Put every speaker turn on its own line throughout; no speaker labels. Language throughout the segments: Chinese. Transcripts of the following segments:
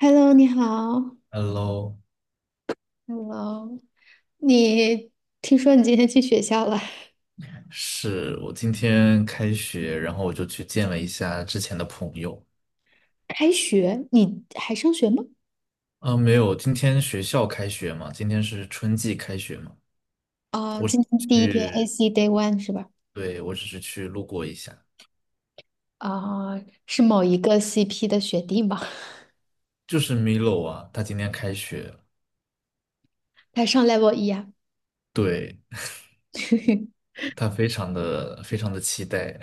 Hello，你好。
Hello，
Hello，你听说你今天去学校了？
是我今天开学，然后我就去见了一下之前的朋友。
开学，你还上学吗？
啊，没有，今天学校开学嘛，今天是春季开学嘛，
啊、今天第一天
去，
AC Day One 是吧？
对，我只是去路过一下。
啊、是某一个 CP 的学弟吗？
就是 Milo 啊，他今天开学了。
他上 Level 一啊，
对，他非常的非常的期待，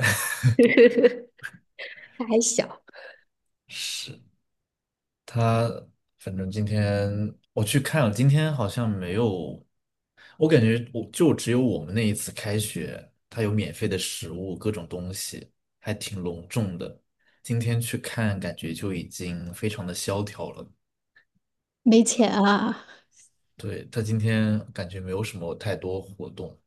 他还小，
是。他反正今天我去看了，今天好像没有，我感觉我就只有我们那一次开学，他有免费的食物，各种东西，还挺隆重的。今天去看，感觉就已经非常的萧条了。
没钱啊。
对，他今天感觉没有什么太多活动。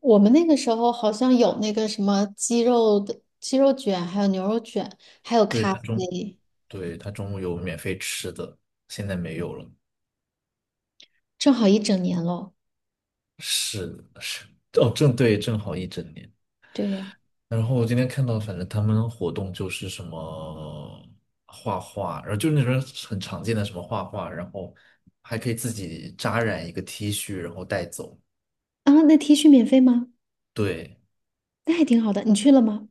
我们那个时候好像有那个什么鸡肉卷，还有牛肉卷，还有
对，
咖啡，
对，他中午有免费吃的，现在没有了。
正好一整年喽。
是是哦，正好一整年。
对，
然后我今天看到，反正他们活动就是什么画画，然后就是那种很常见的什么画画，然后还可以自己扎染一个 T 恤，然后带走。
啊，那 T 恤免费吗？
对，
那还挺好的，你去了吗？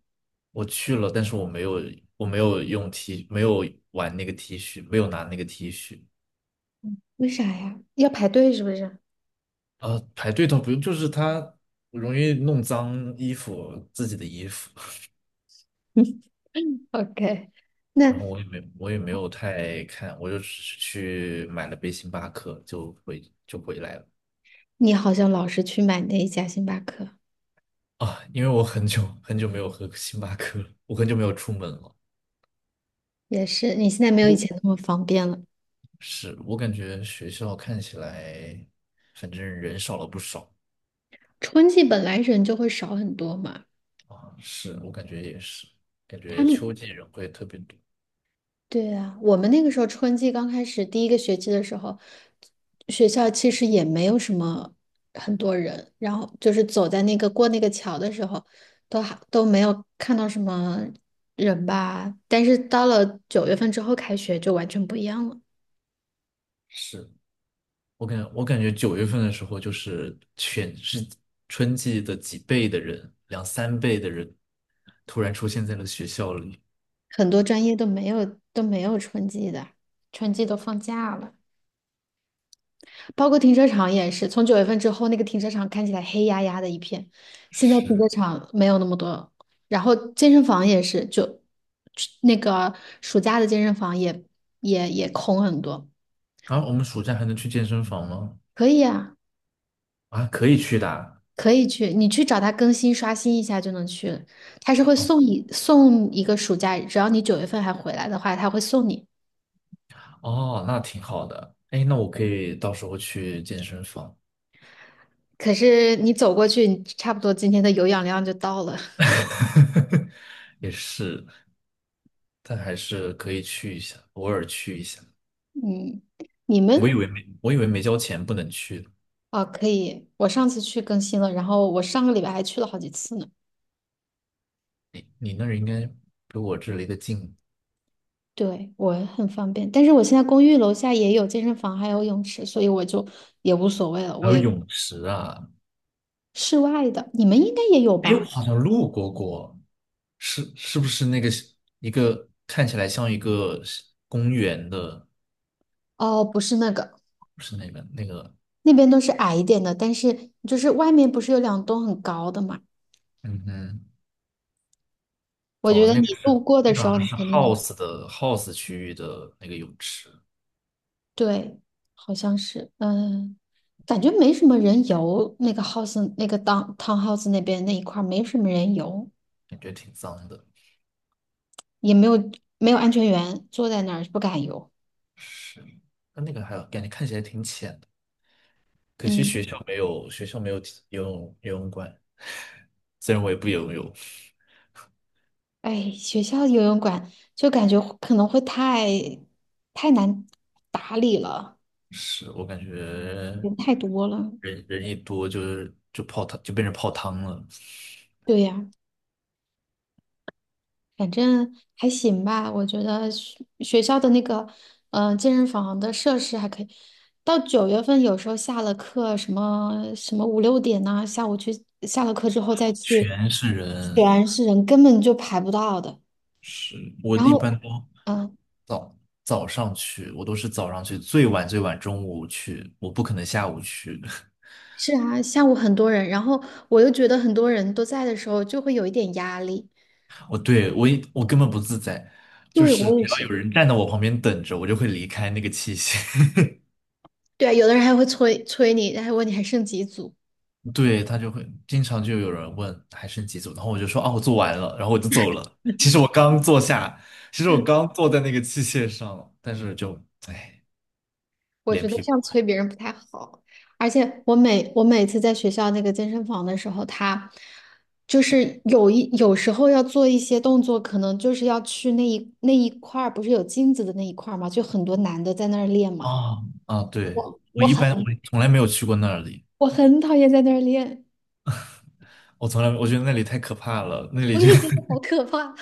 我去了，但是我没有用 T，没有玩那个 T 恤，没有拿那个 T 恤。
为啥呀？要排队是不是
啊，排队倒不用，就是他容易弄脏衣服，自己的衣服。
？OK，
然
那
后我也没有太看，我就只是去买了杯星巴克，就回来了。
你好像老是去买那一家星巴克，
啊，因为我很久很久没有喝星巴克了，我很久没有出门了。
也是，你现在没
不
有以
过
前那么方便了。
是我感觉学校看起来，反正人少了不少
春季本来人就会少很多嘛，
啊。是我感觉也是，感
他
觉秋
们
季人会特别多。
对啊，我们那个时候春季刚开始第一个学期的时候，学校其实也没有什么很多人，然后就是走在那个过那个桥的时候，都还都没有看到什么人吧。但是到了九月份之后开学就完全不一样了，
是我感觉九月份的时候，就是全是春季的几倍的人，两三倍的人，突然出现在了学校里。
很多专业都没有春季的，春季都放假了。包括停车场也是，从九月份之后，那个停车场看起来黑压压的一片，现在停车
是，
场没有那么多，然后健身房也是，就那个暑假的健身房也空很多。
然后我们暑假还能去健身房吗？
可以啊，
啊，可以去的啊。
可以去，你去找他更新刷新一下就能去了他是会
哦
送一个暑假，只要你九月份还回来的话，他会送你。
哦，那挺好的。哎，那我可以到时候去健身房，
可是你走过去，你差不多今天的有氧量就到了。
也是，但还是可以去一下，偶尔去一下。
嗯，你们
我以为没交钱不能去的。
啊，可以。我上次去更新了，然后我上个礼拜还去了好几次呢。
你那儿应该比我这离得近，
对，我很方便，但是我现在公寓楼下也有健身房，还有泳池，所以我就也无所谓了。
还
我
有
也
泳池啊。
室外的，你们应该也有
哎，我
吧？
好像路过过，是不是那个一个看起来像一个公园的？
哦，不是那个，那边都是矮一点的，但是就是外面不是有两栋很高的嘛？
嗯哼，
我觉
哦，
得你路过的
那个
时
好
候，
像
你
是
肯定能。
house 区域的那个泳池。
对，好像是，嗯，感觉没什么人游，那个 house 那个 d o townhouse 那边那一块儿没什么人游。
感觉挺脏的。
也没有没有安全员，坐在那儿不敢游。
是，那个还有感觉看起来挺浅的，可惜
嗯，
学校没有提游泳馆，虽然我也不游泳，
哎，学校游泳馆就感觉会可能会太太难打理了，
是我感觉
人太多了。
人人一多就变成泡汤了，
对呀，反正还行吧，我觉得学校的那个健身房的设施还可以。到九月份有时候下了课，什么什么五六点呐、下午去下了课之后再去，
全是人。
全是人，根本就排不到的。
是我
然
一
后。
般都
嗯，
早上去，我都是早上去，最晚最晚中午去，我不可能下午去。
是啊，下午很多人，然后我又觉得很多人都在的时候就会有一点压力。
我对我一我根本不自在，就
对，
是
我也
只要有
是。
人站在我旁边等着，我就会离开那个器械。
对啊有的人还会催催你，还问你还剩几组。
对，他就会经常就有人问还剩几组，然后我就说啊我做完了，然后我就走了。其实我刚坐下，其实我刚坐在那个器械上了，但是就哎，
我
脸
觉得
皮
这样
薄
催别人不太好。而且我每次在学校那个健身房的时候，他就是有时候要做一些动作，可能就是要去那一块儿，不是有镜子的那一块儿嘛，就很多男的在那儿练嘛。
啊啊，对，我
我
一般我
很
从来没有去过那里，
讨厌在那儿练，
我从来我觉得那里太可怕了，那里
我
就
也觉得好可怕。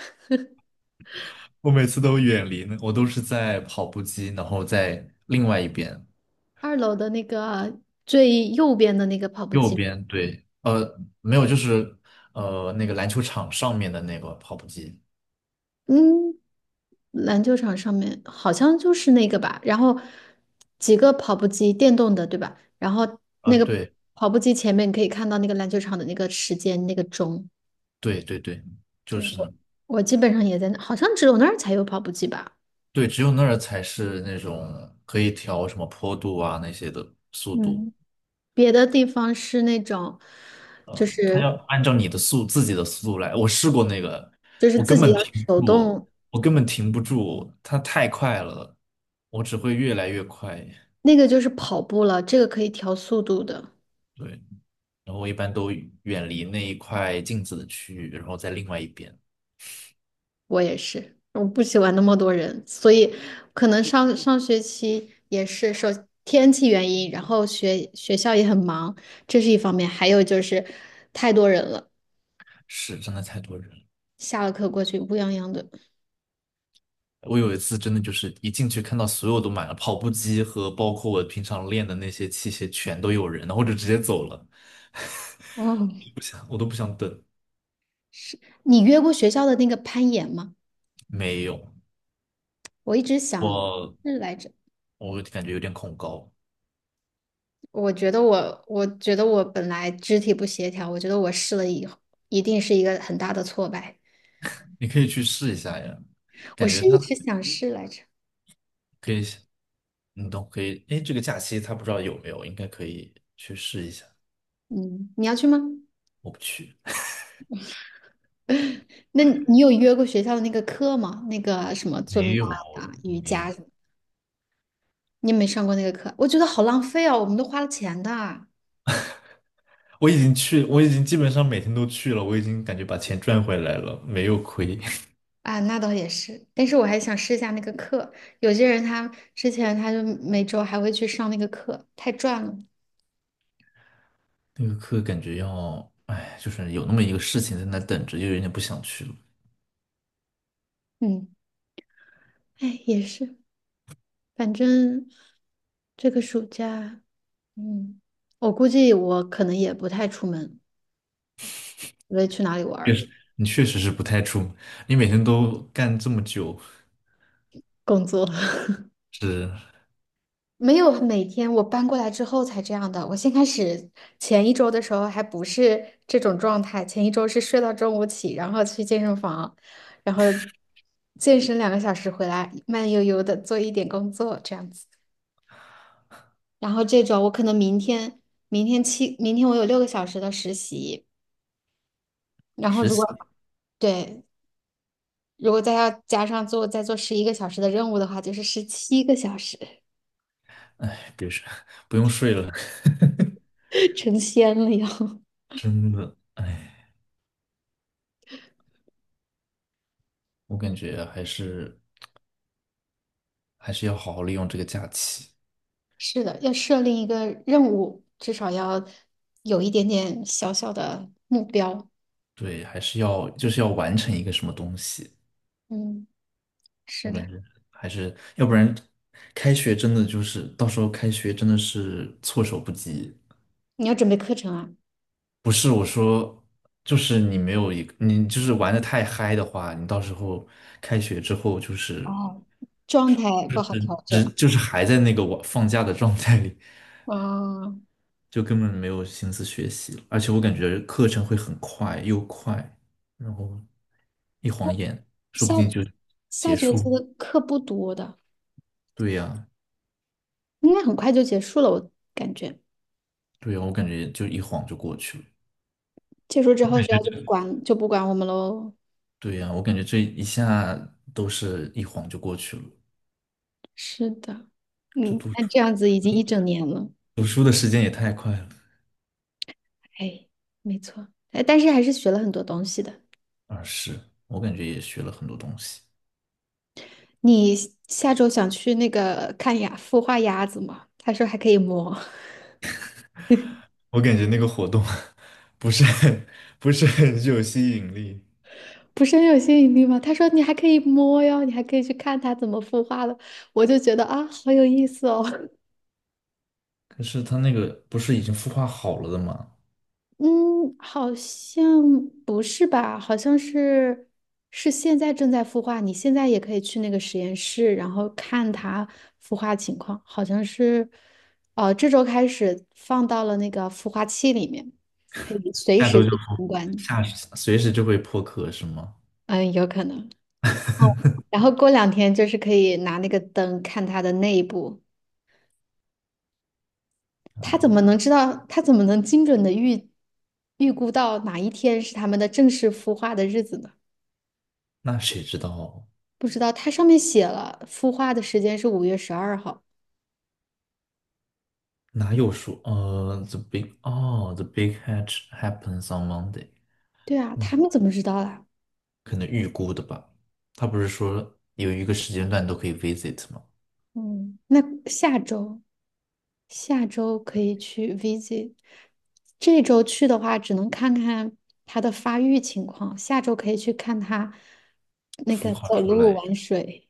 我每次都远离那，我都是在跑步机，然后在另外一边。
二楼的那个啊最右边的那个跑步
右
机，
边，对，没有，就是那个篮球场上面的那个跑步机，
嗯，篮球场上面好像就是那个吧。然后几个跑步机，电动的，对吧？然后那个
对
跑步机前面可以看到那个篮球场的那个时间，那个钟。
对对对，就
对，
是呢，
我基本上也在那，好像只有那儿才有跑步机吧。
对，只有那儿才是那种可以调什么坡度啊那些的速度，
嗯，别的地方是那种，就
它要
是
按照你的速自己的速度来。我试过那个，我
自
根
己
本
要
停
手
不住，
动，
我根本停不住，它太快了，我只会越来越快。
那个就是跑步了，这个可以调速度的。
对，然后我一般都远离那一块镜子的区域，然后在另外一边。
我也是，我不喜欢那么多人，所以可能上上学期也是受天气原因，然后学校也很忙，这是一方面，还有就是太多人了，
是，真的太多人了。
下了课过去乌泱泱的。
我有一次真的就是一进去看到所有都满了，跑步机和包括我平常练的那些器械全都有人，然后我就直接走了，
哦，
不想我都不想等。
是你约过学校的那个攀岩吗？
没有，
我一直想
我
是来着，
我感觉有点恐高，
我觉得我本来肢体不协调，我觉得我试了以后一定是一个很大的挫败，
你可以去试一下呀，
我
感觉
是一
它
直想试来着。
可以，你都可以。哎，这个假期他不知道有没有，应该可以去试一下。
嗯，你要去吗？
我不去，
那你有约过学校的那个课吗？那个什么尊
没
巴
有
呀、瑜
没有，
伽什么？你有没有上过那个课？我觉得好浪费哦，我们都花了钱的啊。
我已经基本上每天都去了，我已经感觉把钱赚回来了，没有亏。
那倒也是，但是我还想试一下那个课。有些人他之前他就每周还会去上那个课，太赚了。
那个课感觉要，哎，就是有那么一个事情在那等着，就有点不想去了。
嗯，哎，也是，反正这个暑假，嗯，我估计我可能也不太出门，我也去哪里玩
确
儿，
实，你确实是不太出，你每天都干这么久，
工作。
是
没有每天，我搬过来之后才这样的。我先开始前一周的时候还不是这种状态，前一周是睡到中午起，然后去健身房，然后健身2个小时回来，慢悠悠的做一点工作这样子。然后这种我可能明天，明天七，明天我有6个小时的实习，然后
实
如果
习，
对，如果再要加上再做11个小时的任务的话，就是17个小时，
哎，别说，不用睡了，
成仙了要。
真的，哎，我感觉还是要好好利用这个假期，
是的，要设立一个任务，至少要有一点点小小的目标。
对，还是要就是要完成一个什么东西，
嗯，是
我感
的，
觉要不然开学真的就是到时候开学真的是措手不及。
你要准备课程啊。
不是我说，就是你没有一个，你就是玩的太嗨的话，你到时候开学之后就是
哦，状态不好调整。
就是还在那个我放假的状态里，
啊，
就根本没有心思学习了。而且我感觉课程会很快又快，然后一晃眼，说
下
不定就
下
结
学
束。
期的课不多的，
对呀，
应该很快就结束了，我感觉。
对呀，我感觉就一晃就过去了。
结束之后，学校就不管我们喽。
对呀，我感觉这一下都是一晃就过去了，
是的，
这
嗯，
读书
那这样子已经一整年了。
读书的时间也太快了。
哎，没错，哎，但是还是学了很多东西的。
啊，是，我感觉也学了很多东西。
你下周想去那个看牙孵化鸭子吗？他说还可以摸，
我感觉那个活动 不是很不是很具有吸引力，
不是很有吸引力吗？他说你还可以摸哟，你还可以去看它怎么孵化的，我就觉得啊，好有意思哦。
可是他那个不是已经孵化好了的吗？
嗯，好像不是吧？好像是现在正在孵化，你现在也可以去那个实验室，然后看它孵化情况。好像是，哦，这周开始放到了那个孵化器里面，可以随
下
时
周就
去
不
参观。
下随时就会破壳是吗？
嗯，有可能。哦，然后过两天就是可以拿那个灯看它的内部，他怎么能知道？他怎么能精准的预估到哪一天是他们的正式孵化的日子呢？
那谁知道？
不知道，它上面写了孵化的时间是5月12号。
哪有说the big hatch happens on Monday。
对啊，
嗯，
他们怎么知道的？
可能预估的吧。他不是说有一个时间段都可以 visit 吗？
嗯，那下周下周可以去 visit，这周去的话只能看看它的发育情况，下周可以去看它那
孵
个
化
走
出来。
路玩水。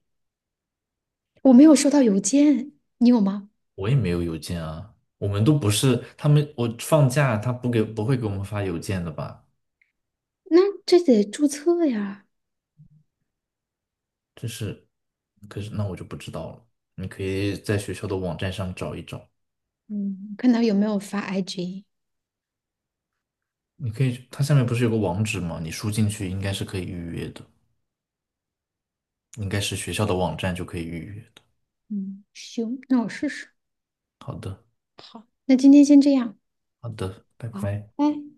我没有收到邮件，你有吗？
我也没有邮件啊，我们都不是他们，我放假他不会给我们发邮件的吧？
那这得注册呀。
这是，可是那我就不知道了。你可以在学校的网站上找一找，
嗯，看他有没有发 IG。
你可以，它下面不是有个网址吗？你输进去应该是可以预约的，应该是学校的网站就可以预约的。
嗯，行，那我试试。
好的，
好，那今天先这样。
好的，拜
好，
拜。
拜。